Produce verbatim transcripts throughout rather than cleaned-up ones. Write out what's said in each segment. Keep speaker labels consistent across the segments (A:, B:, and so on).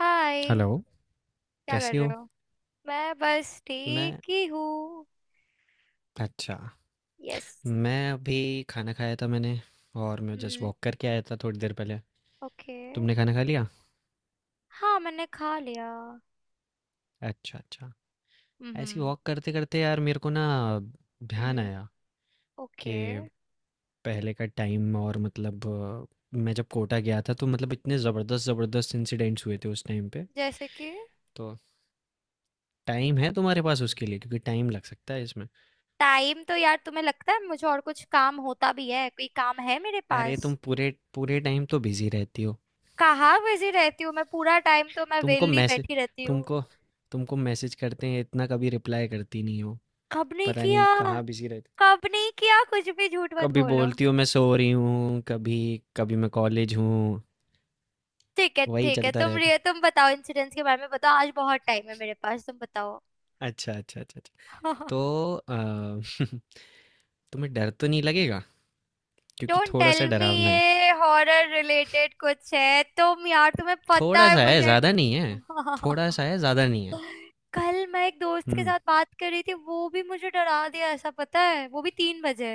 A: हाय।
B: Hello,
A: क्या कर
B: कैसी
A: रहे
B: हो?
A: हो? मैं बस
B: मैं
A: ठीक ही हूँ।
B: अच्छा,
A: यस।
B: मैं अभी खाना खाया था मैंने और मैं जस्ट
A: हम्म।
B: वॉक करके आया था थोड़ी देर पहले।
A: ओके।
B: तुमने खाना खा लिया?
A: हाँ मैंने खा लिया।
B: अच्छा अच्छा। ऐसी
A: हम्म।
B: वॉक करते करते यार मेरे को ना ध्यान
A: हम्म।
B: आया कि
A: ओके।
B: पहले का टाइम और मतलब अ, मैं जब कोटा गया था तो मतलब इतने ज़बरदस्त ज़बरदस्त इंसिडेंट्स हुए थे उस टाइम पे।
A: जैसे कि?
B: तो टाइम है तुम्हारे पास उसके लिए, क्योंकि टाइम लग सकता है इसमें।
A: टाइम तो, यार, तुम्हें लगता है मुझे और कुछ काम होता भी है? कोई काम है मेरे
B: अरे तुम
A: पास?
B: पूरे पूरे टाइम तो बिजी रहती हो।
A: कहाँ बिजी रहती हूँ मैं? पूरा टाइम तो मैं
B: तुमको
A: वेली
B: मैसेज
A: बैठी रहती हूँ।
B: तुमको तुमको मैसेज करते हैं इतना, कभी रिप्लाई करती नहीं हो।
A: कब नहीं
B: पता
A: किया?
B: नहीं कहाँ बिजी रहती।
A: कब नहीं किया? कुछ भी झूठ मत
B: कभी
A: बोलो।
B: बोलती हो मैं सो रही हूँ, कभी कभी मैं कॉलेज हूँ।
A: ठीक है
B: वही
A: ठीक है,
B: चलता
A: तुम
B: रहता
A: रिय
B: है।
A: तुम बताओ, इंसिडेंट्स के बारे में बताओ, आज बहुत टाइम है मेरे पास, तुम बताओ।
B: अच्छा अच्छा अच्छा अच्छा। तो अ, तुम्हें डर तो नहीं लगेगा, क्योंकि
A: डोंट
B: थोड़ा सा
A: टेल मी,
B: डरावना है।
A: ये हॉरर रिलेटेड कुछ है? तुम, यार, तुम्हें पता
B: थोड़ा
A: है
B: सा है,
A: मुझे।
B: ज़्यादा नहीं है। थोड़ा सा है, ज़्यादा नहीं है।
A: कल मैं एक दोस्त के
B: हम्म।
A: साथ बात कर रही थी, वो भी मुझे डरा दिया ऐसा, पता है, वो भी तीन बजे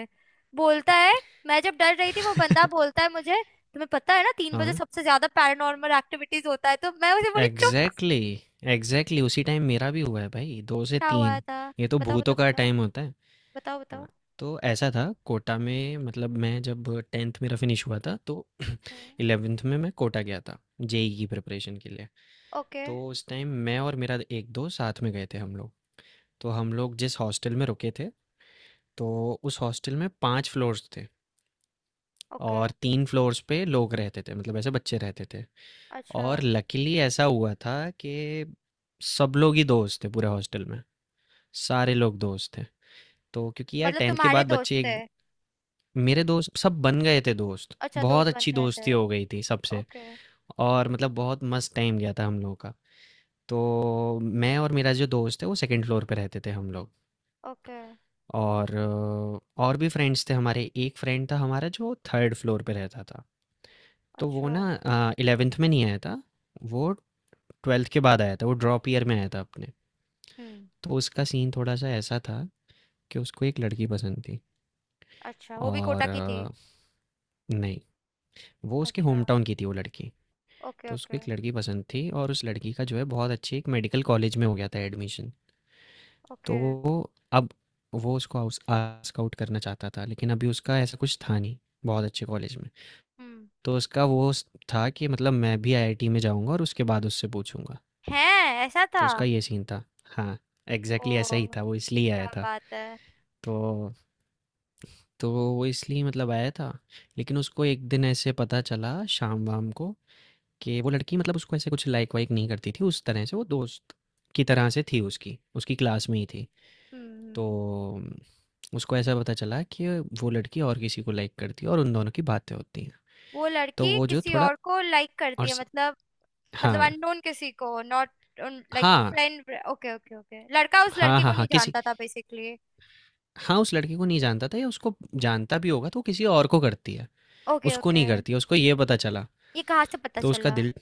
A: बोलता है। मैं जब डर रही थी, वो बंदा बोलता है मुझे, तुम्हें पता है ना तीन बजे
B: हाँ
A: सबसे ज्यादा पैरानॉर्मल एक्टिविटीज होता है, तो मैं उसे बोली चुप।
B: एग्जैक्टली, एग्जैक्टली उसी टाइम मेरा भी हुआ है भाई, दो से
A: क्या हुआ
B: तीन
A: था?
B: ये तो
A: बताओ
B: भूतों
A: बताओ
B: का
A: बताओ।
B: टाइम होता है।
A: बताओ
B: हाँ,
A: बताओ।
B: तो ऐसा था कोटा में। मतलब मैं जब टेंथ मेरा फिनिश हुआ था, तो
A: हम्म।
B: इलेवेंथ में मैं कोटा गया था जेई की प्रिपरेशन के लिए।
A: ओके।
B: तो उस टाइम मैं और मेरा एक दो साथ में गए थे हम लोग। तो हम लोग जिस हॉस्टल में रुके थे, तो उस हॉस्टल में पांच फ्लोर्स थे,
A: ओके।
B: और तीन फ्लोर्स पे लोग रहते थे, मतलब ऐसे बच्चे रहते थे।
A: अच्छा।
B: और लकीली ऐसा हुआ था कि सब लोग ही दोस्त थे पूरे हॉस्टल में, सारे लोग दोस्त थे। तो क्योंकि यार
A: मतलब
B: टेंथ के
A: तुम्हारे
B: बाद
A: दोस्त
B: बच्चे
A: थे?
B: एक मेरे दोस्त सब बन गए थे दोस्त।
A: अच्छा,
B: बहुत
A: दोस्त बन
B: अच्छी
A: गए
B: दोस्ती
A: थे।
B: हो गई थी सबसे,
A: ओके।
B: और मतलब बहुत मस्त टाइम गया था हम लोगों का। तो मैं और मेरा जो दोस्त है वो सेकंड फ्लोर पे रहते थे हम लोग।
A: ओके।
B: और अ, और भी फ्रेंड्स थे हमारे। एक फ्रेंड था हमारा जो थर्ड फ्लोर पे रहता था। तो वो
A: अच्छा।
B: ना इलेवेंथ में नहीं आया था, वो ट्वेल्थ के बाद आया था, वो ड्रॉप ईयर में आया था अपने।
A: हम्म।
B: तो उसका सीन थोड़ा सा ऐसा था कि उसको एक लड़की पसंद थी।
A: अच्छा, वो भी कोटा
B: और
A: की थी?
B: अ, नहीं, वो उसके
A: अच्छा।
B: होम टाउन की थी वो लड़की।
A: ओके
B: तो उसको
A: ओके।
B: एक लड़की पसंद थी, और उस लड़की का जो है बहुत अच्छी एक मेडिकल कॉलेज में हो गया था एडमिशन। तो
A: ओके।
B: अब वो उसको आउस- आउट आउट करना चाहता था, लेकिन अभी उसका ऐसा कुछ था नहीं बहुत अच्छे कॉलेज में।
A: हम्म।
B: तो उसका वो स- था कि मतलब मैं भी आईआईटी में जाऊंगा और उसके बाद उससे पूछूंगा।
A: है। ऐसा था।
B: तो उसका ये सीन था। हाँ
A: ओ,
B: एग्जैक्टली ऐसा ही था, वो इसलिए आया
A: क्या
B: था।
A: बात है!
B: तो तो वो इसलिए मतलब आया था। लेकिन उसको एक दिन ऐसे पता चला शाम वाम को कि वो लड़की मतलब उसको ऐसे कुछ लाइक वाइक नहीं करती थी उस तरह से, वो दोस्त की तरह से थी, उसकी उसकी क्लास में ही थी। तो
A: हम्म।
B: अम, उसको ऐसा पता चला कि वो लड़की और किसी को लाइक करती है और उन दोनों की बातें होती हैं।
A: वो
B: तो
A: लड़की
B: वो जो
A: किसी
B: थोड़ा
A: और को लाइक करती
B: और
A: है,
B: स-
A: मतलब? मतलब
B: हाँ।
A: अननोन किसी को, नॉट लाइक
B: हाँ
A: फ्रेंड? ओके ओके ओके, लड़का उस
B: हाँ
A: लड़की को
B: हाँ हाँ
A: नहीं
B: किसी।
A: जानता था बेसिकली।
B: हाँ, उस लड़की को नहीं जानता था, या उसको जानता भी होगा तो वो किसी और को करती है,
A: ओके
B: उसको
A: ओके।
B: नहीं करती है, उसको ये पता चला।
A: ये कहाँ से पता
B: तो उसका
A: चला?
B: दिल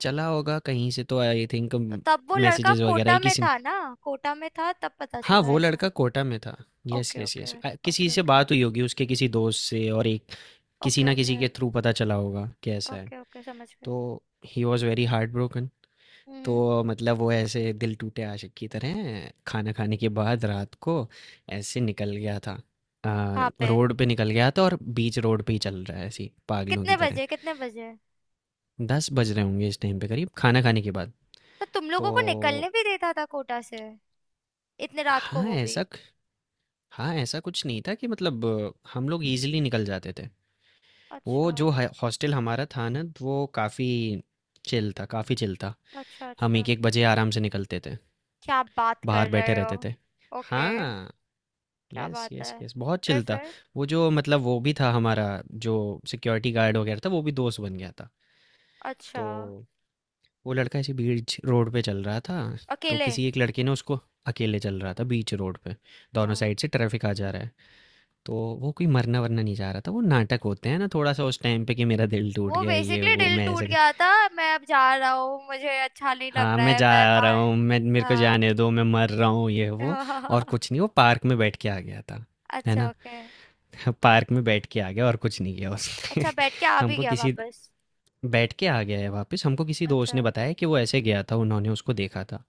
B: चला होगा कहीं से तो आई थिंक,
A: तो तब वो लड़का
B: मैसेजेस वगैरह
A: कोटा
B: ही
A: में
B: किसी ने।
A: था ना? कोटा में था तब पता
B: हाँ
A: चला
B: वो
A: ऐसा?
B: लड़का कोटा में था। Yes
A: okay
B: yes
A: okay
B: yes. किसी
A: ओके
B: से
A: ओके।
B: बात हुई होगी उसके किसी दोस्त से और एक, किसी
A: ओके
B: ना किसी
A: ओके।
B: के थ्रू पता चला होगा कि ऐसा है।
A: ओके ओके, समझ गई।
B: तो he was very heart broken.
A: हम्म।
B: तो मतलब वो ऐसे दिल टूटे आशिक की तरह खाना खाने के बाद रात को ऐसे निकल गया था। आ,
A: वहां पे?
B: रोड पे निकल गया था और बीच रोड पे ही चल रहा है ऐसे ही पागलों की
A: कितने
B: तरह।
A: बजे कितने बजे?
B: दस बज रहे होंगे इस टाइम पे करीब, खाना खाने के बाद।
A: तो तुम
B: तो
A: लोगों को निकलने भी देता था कोटा से? इतने रात को,
B: हाँ
A: वो भी?
B: ऐसा, हाँ ऐसा कुछ नहीं था कि मतलब, हम लोग इजीली निकल जाते थे। वो
A: अच्छा।
B: जो है हॉस्टल हमारा था ना, तो वो काफ़ी चिल था, काफ़ी चिल था।
A: अच्छा
B: हम
A: अच्छा।
B: एक एक बजे आराम से निकलते थे,
A: क्या बात कर
B: बाहर बैठे
A: रहे हो!
B: रहते थे।
A: ओके।
B: हाँ।
A: क्या
B: यस
A: बात
B: यस
A: है!
B: यस बहुत
A: फिर
B: चिल था।
A: फिर?
B: वो जो मतलब वो भी था हमारा, जो सिक्योरिटी गार्ड वगैरह था, वो भी दोस्त बन गया था।
A: अच्छा।
B: तो वो लड़का ऐसे बीच रोड पे चल रहा था। तो
A: अकेले?
B: किसी एक लड़के ने उसको अकेले चल रहा था बीच रोड पे, दोनों
A: हाँ।
B: साइड से ट्रैफिक आ जा रहा है। तो वो कोई मरना वरना नहीं जा रहा था, वो नाटक होते हैं ना थोड़ा सा उस टाइम पे कि मेरा दिल टूट
A: वो
B: गया, ये
A: बेसिकली
B: वो,
A: दिल
B: मैं
A: टूट
B: ऐसे,
A: गया था, मैं अब जा रहा हूँ, मुझे अच्छा नहीं लग
B: हाँ,
A: रहा
B: मैं
A: है,
B: जा
A: मैं
B: रहा
A: बाहर।
B: हूँ, मैं मेरे को
A: हाँ।
B: जाने दो, मैं मर रहा हूँ, ये वो, और कुछ नहीं, वो पार्क में बैठ के आ गया था, है
A: अच्छा
B: ना?
A: ओके।
B: पार्क में बैठ के आ गया और कुछ नहीं किया उसने।
A: अच्छा, बैठ के आ भी
B: हमको
A: गया
B: किसी
A: वापस?
B: बैठ के आ गया है वापस, हमको किसी दोस्त
A: अच्छा।
B: ने बताया कि वो ऐसे गया था, उन्होंने उसको देखा था।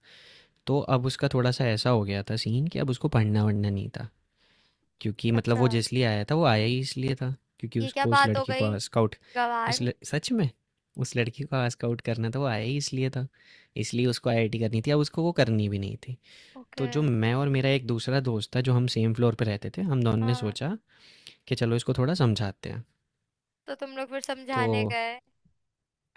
B: तो अब उसका थोड़ा-सा ऐसा हो गया था सीन कि अब उसको पढ़ना-वढ़ना नहीं था। क्योंकि मतलब
A: अच्छा।
B: वो जिसलिए आया था वो आया ही इसलिए था, क्योंकि
A: ये क्या
B: उसको उस
A: बात हो
B: लड़की
A: गई!
B: को स्काउट, उस
A: गवार।
B: ल... सच में उस लड़की को स्काउट करना था, वो आया ही इसलिए था, इसलिए उसको आईआईटी करनी थी, अब उसको वो करनी भी नहीं थी। तो
A: ओके।
B: जो मैं और मेरा एक दूसरा दोस्त था जो हम सेम फ्लोर पे रहते थे, हम दोनों ने
A: हाँ।
B: सोचा कि चलो इसको थोड़ा समझाते हैं।
A: तो तुम लोग फिर
B: तो
A: समझाने गए?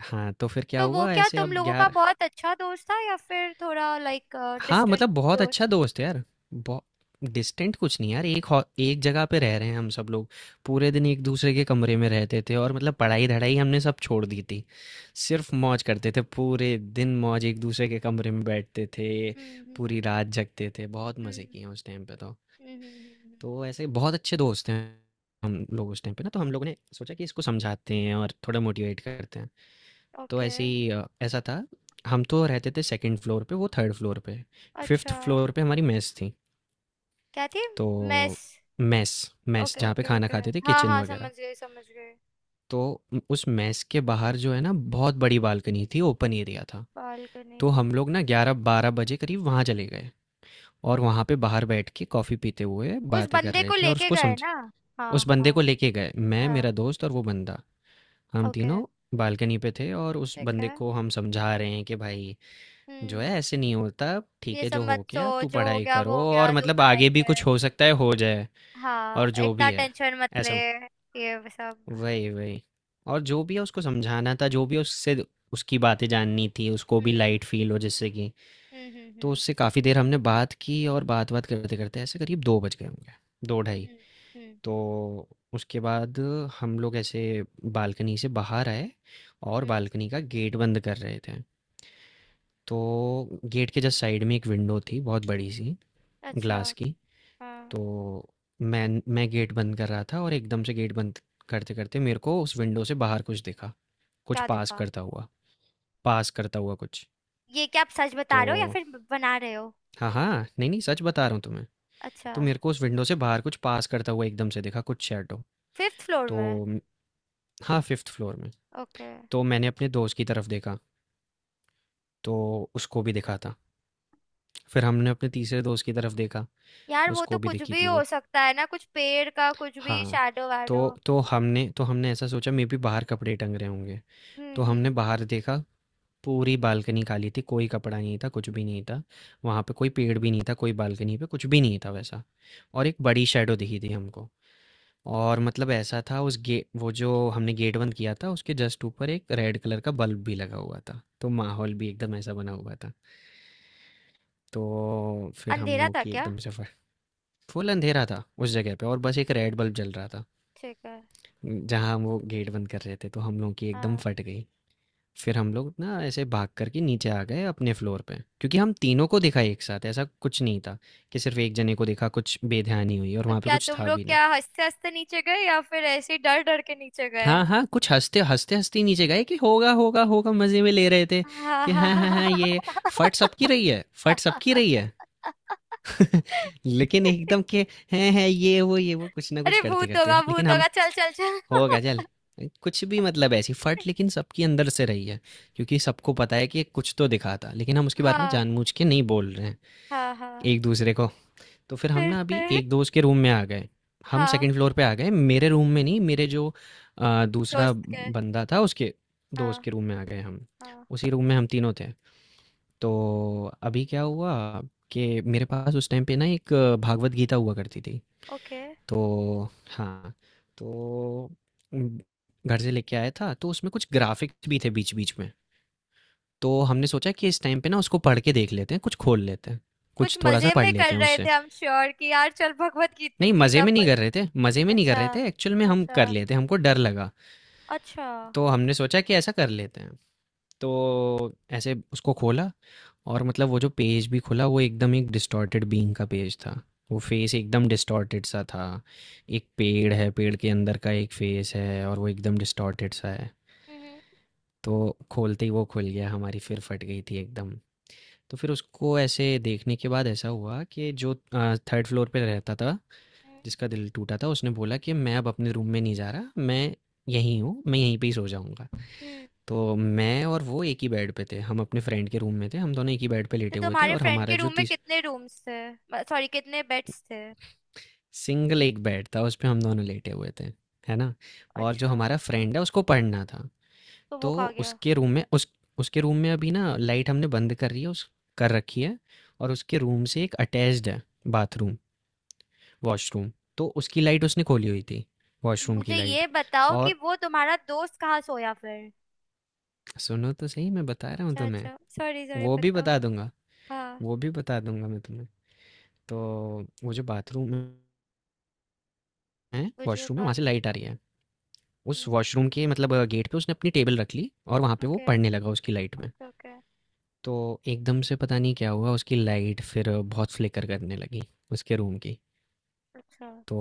B: हाँ तो फिर क्या
A: तो वो
B: हुआ
A: क्या
B: ऐसे,
A: तुम
B: अब
A: लोगों का
B: यार
A: बहुत अच्छा दोस्त था या फिर थोड़ा लाइक
B: हाँ
A: डिस्टेंट
B: मतलब बहुत
A: दोस्त?
B: अच्छा दोस्त है यार। बहुत डिस्टेंट कुछ नहीं यार, एक हॉ- एक जगह पे रह रहे हैं हम सब लोग। पूरे दिन एक दूसरे के कमरे में रहते थे, और मतलब पढ़ाई धड़ाई हमने सब छोड़ दी थी, सिर्फ मौज करते थे पूरे दिन, मौज एक दूसरे के कमरे में बैठते थे, पूरी
A: हम्म
B: रात जगते थे, बहुत मज़े
A: हम्म।
B: किए हैं उस टाइम पे। तो
A: हम्म। हम्म। हम्म।
B: तो ऐसे बहुत अच्छे दोस्त हैं हम लोग उस टाइम पे ना। तो हम लोगों ने सोचा कि इसको समझाते हैं और थोड़ा मोटिवेट करते हैं। तो
A: ओके।
B: ऐसे ही अ, ऐसा था, हम तो रहते थे सेकंड फ्लोर पे, वो थर्ड फ्लोर पे, फिफ्थ
A: अच्छा।
B: फ्लोर पे हमारी मेस थी।
A: क्या थी?
B: तो
A: मेस?
B: मेस, मेस
A: ओके
B: जहाँ पे
A: ओके
B: खाना
A: ओके।
B: खाते थे,
A: हाँ
B: किचन
A: हाँ, समझ
B: वगैरह।
A: गई समझ गई।
B: तो उ- उस मेस के बाहर जो है ना बहुत बड़ी बालकनी थी, ओपन एरिया था।
A: बालकनी
B: तो
A: थे?
B: हम लोग ना ग्यारह बारह बजे करीब वहाँ चले गए, और वहाँ पे बाहर बैठ के कॉफ़ी पीते हुए
A: उस
B: बातें कर
A: बंदे
B: रहे
A: को
B: थे, और
A: लेके
B: उसको
A: गए
B: समझे।
A: ना? हाँ
B: उस बंदे
A: हाँ।
B: को लेके गए, मैं
A: हाँ।
B: मेरा दोस्त और वो बंदा, हम
A: ओके।
B: तीनों बालकनी पे थे। और उस
A: ठीक
B: बंदे
A: है।
B: को हम समझा रहे हैं कि भाई जो
A: हम्म।
B: है ऐसे नहीं होता, ठीक
A: ये
B: है
A: सब
B: जो हो
A: मत
B: गया, तू
A: सोच, जो हो
B: पढ़ाई
A: गया वो
B: करो,
A: हो
B: और
A: गया, तू
B: मतलब
A: पढ़ाई
B: आगे भी
A: कर।
B: कुछ हो सकता है, हो जाए,
A: हाँ
B: और जो भी
A: इतना
B: है
A: टेंशन मत ले।
B: ऐसा।
A: ये सब।
B: वही वही, और जो भी है उसको समझाना था, जो भी उससे उसकी बातें जाननी थी, उसको भी
A: हम्म।
B: लाइट फील हो जिससे कि।
A: हम्म हम्म
B: तो
A: हम्म।
B: उससे काफ़ी देर हमने बात की, और बात बात करते करते ऐसे करीब दो बज गए होंगे, दो ढाई।
A: हम्म। हम्म।
B: तो उसके बाद हम लोग ऐसे बालकनी से बाहर आए, और
A: हम्म।
B: बालकनी का गेट बंद कर रहे थे। तो गेट के जस्ट साइड में एक विंडो थी, बहुत बड़ी सी,
A: अच्छा।
B: ग्लास की।
A: हाँ।
B: तो मैं मैं गेट बंद कर रहा था, और एकदम से गेट बंद करते करते मेरे को उस विंडो से बाहर कुछ दिखा, कुछ
A: क्या
B: पास
A: दिखा?
B: करता हुआ, पास करता हुआ कुछ।
A: ये क्या, आप सच
B: तो
A: बता रहे हो या फिर ब- बना रहे हो?
B: हाँ हाँ, नहीं नहीं सच बता रहा हूँ तुम्हें।
A: अच्छा।
B: तो मेरे को उस विंडो से बाहर कुछ पास करता हुआ एकदम से दिखा, कुछ शैडो।
A: फिफ्थ फ्लोर
B: तो
A: में?
B: म- हाँ फिफ्थ फ्लोर में।
A: ओके।
B: तो मैंने अपने दोस्त की तरफ देखा, तो उसको भी दिखा था। फिर हमने अपने तीसरे दोस्त की तरफ देखा,
A: यार वो तो
B: उसको भी
A: कुछ
B: दिखी
A: भी
B: थी
A: हो
B: वो।
A: सकता है ना, कुछ पेड़ का कुछ भी
B: हाँ।
A: शैडो वैडो।
B: तो तो हमने, तो हमने ऐसा सोचा मे भी बाहर कपड़े टंग रहे होंगे।
A: हम्म
B: तो
A: हम्म
B: हमने
A: हम्म।
B: बाहर देखा, पूरी बालकनी खाली थी, कोई कपड़ा नहीं था, कुछ भी नहीं था। वहाँ पे कोई पेड़ भी नहीं था, कोई बालकनी पे कुछ भी नहीं था वैसा। और एक बड़ी शैडो दिखी थी हमको। और मतलब ऐसा था, उस गे वो जो हमने गेट बंद किया था, उसके जस्ट ऊपर एक रेड कलर का बल्ब भी लगा हुआ था। तो माहौल भी एकदम ऐसा बना हुआ था। तो फिर हम
A: अंधेरा
B: लोगों
A: था
B: की
A: क्या?
B: एकदम से फ फुल अंधेरा था उस जगह पे और बस एक रेड बल्ब जल रहा था,
A: ठीक है।
B: जहाँ हम वो गेट बंद कर रहे थे, तो हम लोगों की एकदम
A: हाँ।
B: फट गई। फिर हम लोग ना ऐसे भाग कर के नीचे आ गए अपने फ्लोर पे, क्योंकि हम तीनों को दिखा एक साथ, ऐसा कुछ नहीं था कि सिर्फ एक जने को दिखा कुछ बेध्यानी हुई, और
A: तो
B: वहाँ पे
A: क्या
B: कुछ
A: तुम
B: था
A: लोग
B: भी नहीं।
A: क्या हंसते हंसते नीचे गए या फिर ऐसे ही डर डर के नीचे गए?
B: हाँ हाँ, कुछ हंसते हंसते हंसते नीचे गए कि होगा होगा होगा, मज़े में ले रहे थे कि
A: अरे।
B: हाँ हाँ हाँ ये फट सबकी रही है, फट सबकी रही है। लेकिन एकदम के हैं हैं ये वो ये वो कुछ ना कुछ करते
A: भूत
B: करते
A: होगा
B: लेकिन
A: भूत
B: हम
A: होगा, चल चल
B: हो गजल।
A: चल।
B: कुछ भी मतलब ऐसी फट लेकिन सबकी अंदर से रही है, क्योंकि सबको पता है कि ये कुछ तो दिखा था लेकिन हम उसके बारे में
A: हाँ।
B: जानबूझ के नहीं बोल रहे हैं
A: हाँ हाँ।
B: एक दूसरे को। तो फिर हम
A: फिर
B: ना अभी
A: फिर?
B: एक दोस्त के रूम में आ गए। हम
A: हाँ।
B: सेकंड फ्लोर पे आ गए, मेरे रूम में नहीं, मेरे जो आ, दूसरा
A: दोस्त के?
B: बंदा था उसके दोस्त
A: हाँ।
B: के रूम में आ गए हम।
A: हाँ।
B: उसी रूम में हम तीनों थे। तो अभी क्या हुआ कि मेरे पास उस टाइम पे ना एक भागवत गीता हुआ करती थी।
A: ओके।
B: तो हाँ, तो उम, घर से लेके आया था, तो उसमें कुछ ग्राफ़िक्स भी थे बीच-बीच में। तो हमने सोचा कि इस टाइम पे ना उसको पढ़ के देख लेते हैं, कुछ खोल लेते हैं,
A: कुछ
B: कुछ थोड़ा-सा
A: मजे
B: पढ़
A: में कर
B: लेते हैं
A: रहे थे
B: उससे।
A: हम श्योर, कि यार चल भगवत गीता
B: नहीं, मज़े
A: गीता
B: में नहीं
A: पढ़।
B: कर रहे थे, मज़े में नहीं कर रहे
A: अच्छा।
B: थे, एक्चुअल में हम कर
A: अच्छा।
B: लेते, हमको डर लगा।
A: अच्छा हम्म।
B: तो हमने सोचा कि ऐसा कर लेते हैं। तो ऐसे उसको खोला और मतलब वो जो पेज भी खुला वो एकदम एक डिस्टॉर्टेड बीइंग का पेज था। वो फेस एकदम डिस्टॉर्टेड सा था। एक पेड़ है, पेड़ के अंदर का एक फेस है और वो एकदम डिस्टॉर्टेड सा है।
A: हम्म।
B: तो खोलते ही वो खुल गया, हमारी फिर फट गई थी एकदम। तो फिर उसको ऐसे देखने के बाद ऐसा हुआ कि जो थर्ड फ्लोर पे रहता था,
A: हम्म।
B: जिसका दिल टूटा था, उसने बोला कि मैं अब अपने रूम में नहीं जा रहा, मैं यहीं हूँ, मैं यहीं पे ही सो जाऊँगा।
A: हम्म।
B: तो मैं और वो एक ही बेड पे थे। हम अपने फ्रेंड के रूम में थे। हम दोनों एक ही बेड पे
A: तो
B: लेटे हुए थे
A: तुम्हारे
B: और
A: फ्रेंड
B: हमारा
A: के
B: जो
A: रूम में
B: तीस
A: कितने रूम्स थे, सॉरी कितने बेड्स थे?
B: सिंगल एक बेड था उस पे हम दोनों लेटे हुए थे। है ना? और जो
A: अच्छा।
B: हमारा फ्रेंड है उसको पढ़ना था।
A: तो वो
B: तो
A: खा गया?
B: उसके रूम में उस उसके रूम में अभी ना लाइट हमने बंद कर रही है उस कर रखी है। और उसके रूम से एक अटैच्ड है बाथरूम, वॉशरूम। तो उसकी लाइट उसने खोली हुई थी,
A: तो
B: वॉशरूम की
A: मुझे
B: लाइट।
A: ये बताओ कि
B: और
A: वो तुम्हारा दोस्त कहाँ सोया फिर?
B: सुनो तो सही, मैं बता रहा हूँ
A: अच्छा
B: तुम्हें।
A: अच्छा, सॉरी सॉरी,
B: वो भी
A: बताओ।
B: बता दूँगा,
A: हाँ।
B: वो भी बता दूँगा मैं तुम्हें। तो वो जो बाथरूम है,
A: मुझे
B: वॉशरूम है, वहाँ
A: बात।
B: से लाइट आ रही है। उस वॉशरूम के मतलब गेट पे उसने अपनी टेबल रख ली और वहाँ पे वो
A: ओके।
B: पढ़ने लगा उसकी लाइट में।
A: Okay okay.
B: तो एकदम से पता नहीं क्या हुआ, उसकी लाइट फिर बहुत फ्लिकर करने लगी, उसके रूम की।
A: अच्छा।
B: तो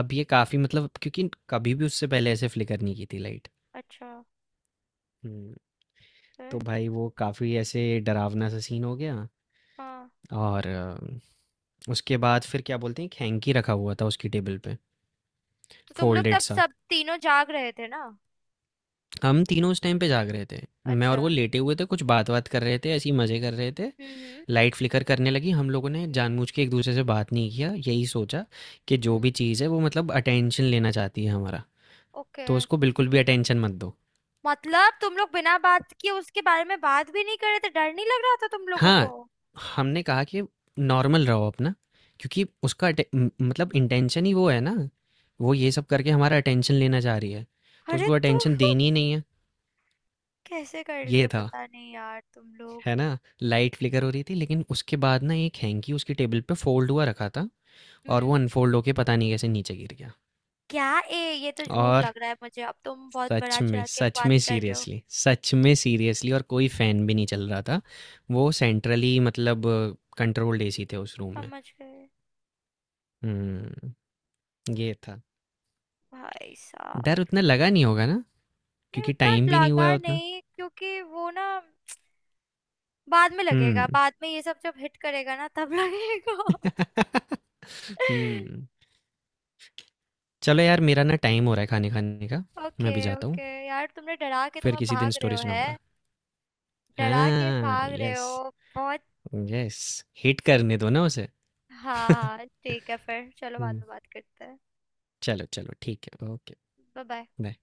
B: अब ये काफ़ी मतलब क्योंकि कभी भी उससे पहले ऐसे फ्लिकर नहीं की थी लाइट।
A: अच्छा।
B: हुँ।
A: फिर?
B: तो भाई वो काफ़ी ऐसे डरावना-सा सीन हो गया।
A: हाँ।
B: और अ, उसके बाद फिर क्या बोलते हैं, एक हैंकी रखा हुआ था उसकी टेबल पे,
A: तो तुम लोग
B: फ़ोल्डेड
A: तब
B: सा।
A: सब तीनों जाग रहे थे ना?
B: हम तीनों उस टाइम पे जाग रहे थे। मैं
A: अच्छा
B: और वो
A: हम्म।
B: लेटे हुए थे, कुछ बात बात कर रहे थे, ऐसे ही मज़े कर रहे थे।
A: हम्म।
B: लाइट फ्लिकर करने लगी, हम लोगों ने
A: हम्म।
B: जानबूझ के एक दूसरे से बात नहीं किया। यही सोचा कि जो भी
A: हम्म।
B: चीज़ है वो मतलब अटेंशन लेना चाहती है हमारा,
A: ओके।
B: तो उसको बिल्कुल भी अटेंशन मत दो।
A: मतलब तुम लोग बिना बात किए उसके बारे में बात भी नहीं कर रहे थे? डर नहीं लग रहा था तुम लोगों को?
B: हाँ, हमने कहा कि नॉर्मल रहो अपना, क्योंकि उसका अटे- म- मतलब इंटेंशन ही वो है ना, वो ये सब करके हमारा अटेंशन लेना चाह रही है, तो
A: अरे
B: उसको
A: तू
B: अटेंशन देनी ही नहीं है।
A: कैसे कर
B: ये
A: लिए,
B: था।
A: पता नहीं यार तुम लोग।
B: है ना? लाइट फ्लिकर हो रही थी, लेकिन उसके बाद ना एक हैंकी उसकी टेबल पे फ़ोल्ड हुआ रखा था और वो अनफ़ोल्ड होके पता नहीं कैसे नीचे गिर गया।
A: क्या? ए, ये तो झूठ
B: और
A: लग रहा है मुझे, अब तुम बहुत बड़ा
B: सच में,
A: चढ़ा के
B: सच
A: बात
B: में
A: कर रहे हो।
B: सीरियसली, सच में सीरियसली, और कोई फ़ैन भी नहीं चल रहा था। वो सेंट्रली मतलब कंट्रोल्ड एसी थे उस रूम में।
A: समझ गए।
B: हुँ, ये था।
A: भाई साहब।
B: डर उतना लगा नहीं होगा ना?
A: नहीं
B: क्योंकि
A: उतना
B: टाइम भी नहीं हुआ
A: लगा
B: है उतना।
A: नहीं, क्योंकि वो ना बाद में लगेगा,
B: हुँ।
A: बाद में ये सब जब हिट करेगा ना तब लगेगा।
B: हुँ। चलो यार, मेरा ना टाइम हो रहा है खाने खाने का। मैं
A: ओके
B: अभी जाता हूँ।
A: ओके, यार तुमने डरा के तुम
B: फिर
A: अब
B: किसी दिन
A: भाग रहे
B: स्टोरी
A: हो है।
B: सुनाऊँगा।
A: डरा के
B: हाँ,
A: भाग रहे
B: यस।
A: हो। बहुत।
B: यस, हिट करने दो ना उसे।
A: हाँ हाँ, ठीक है, फिर चलो बाद
B: हम्म,
A: में बात करते हैं।
B: चलो चलो ठीक है, ओके।
A: Bye bye.
B: बाय।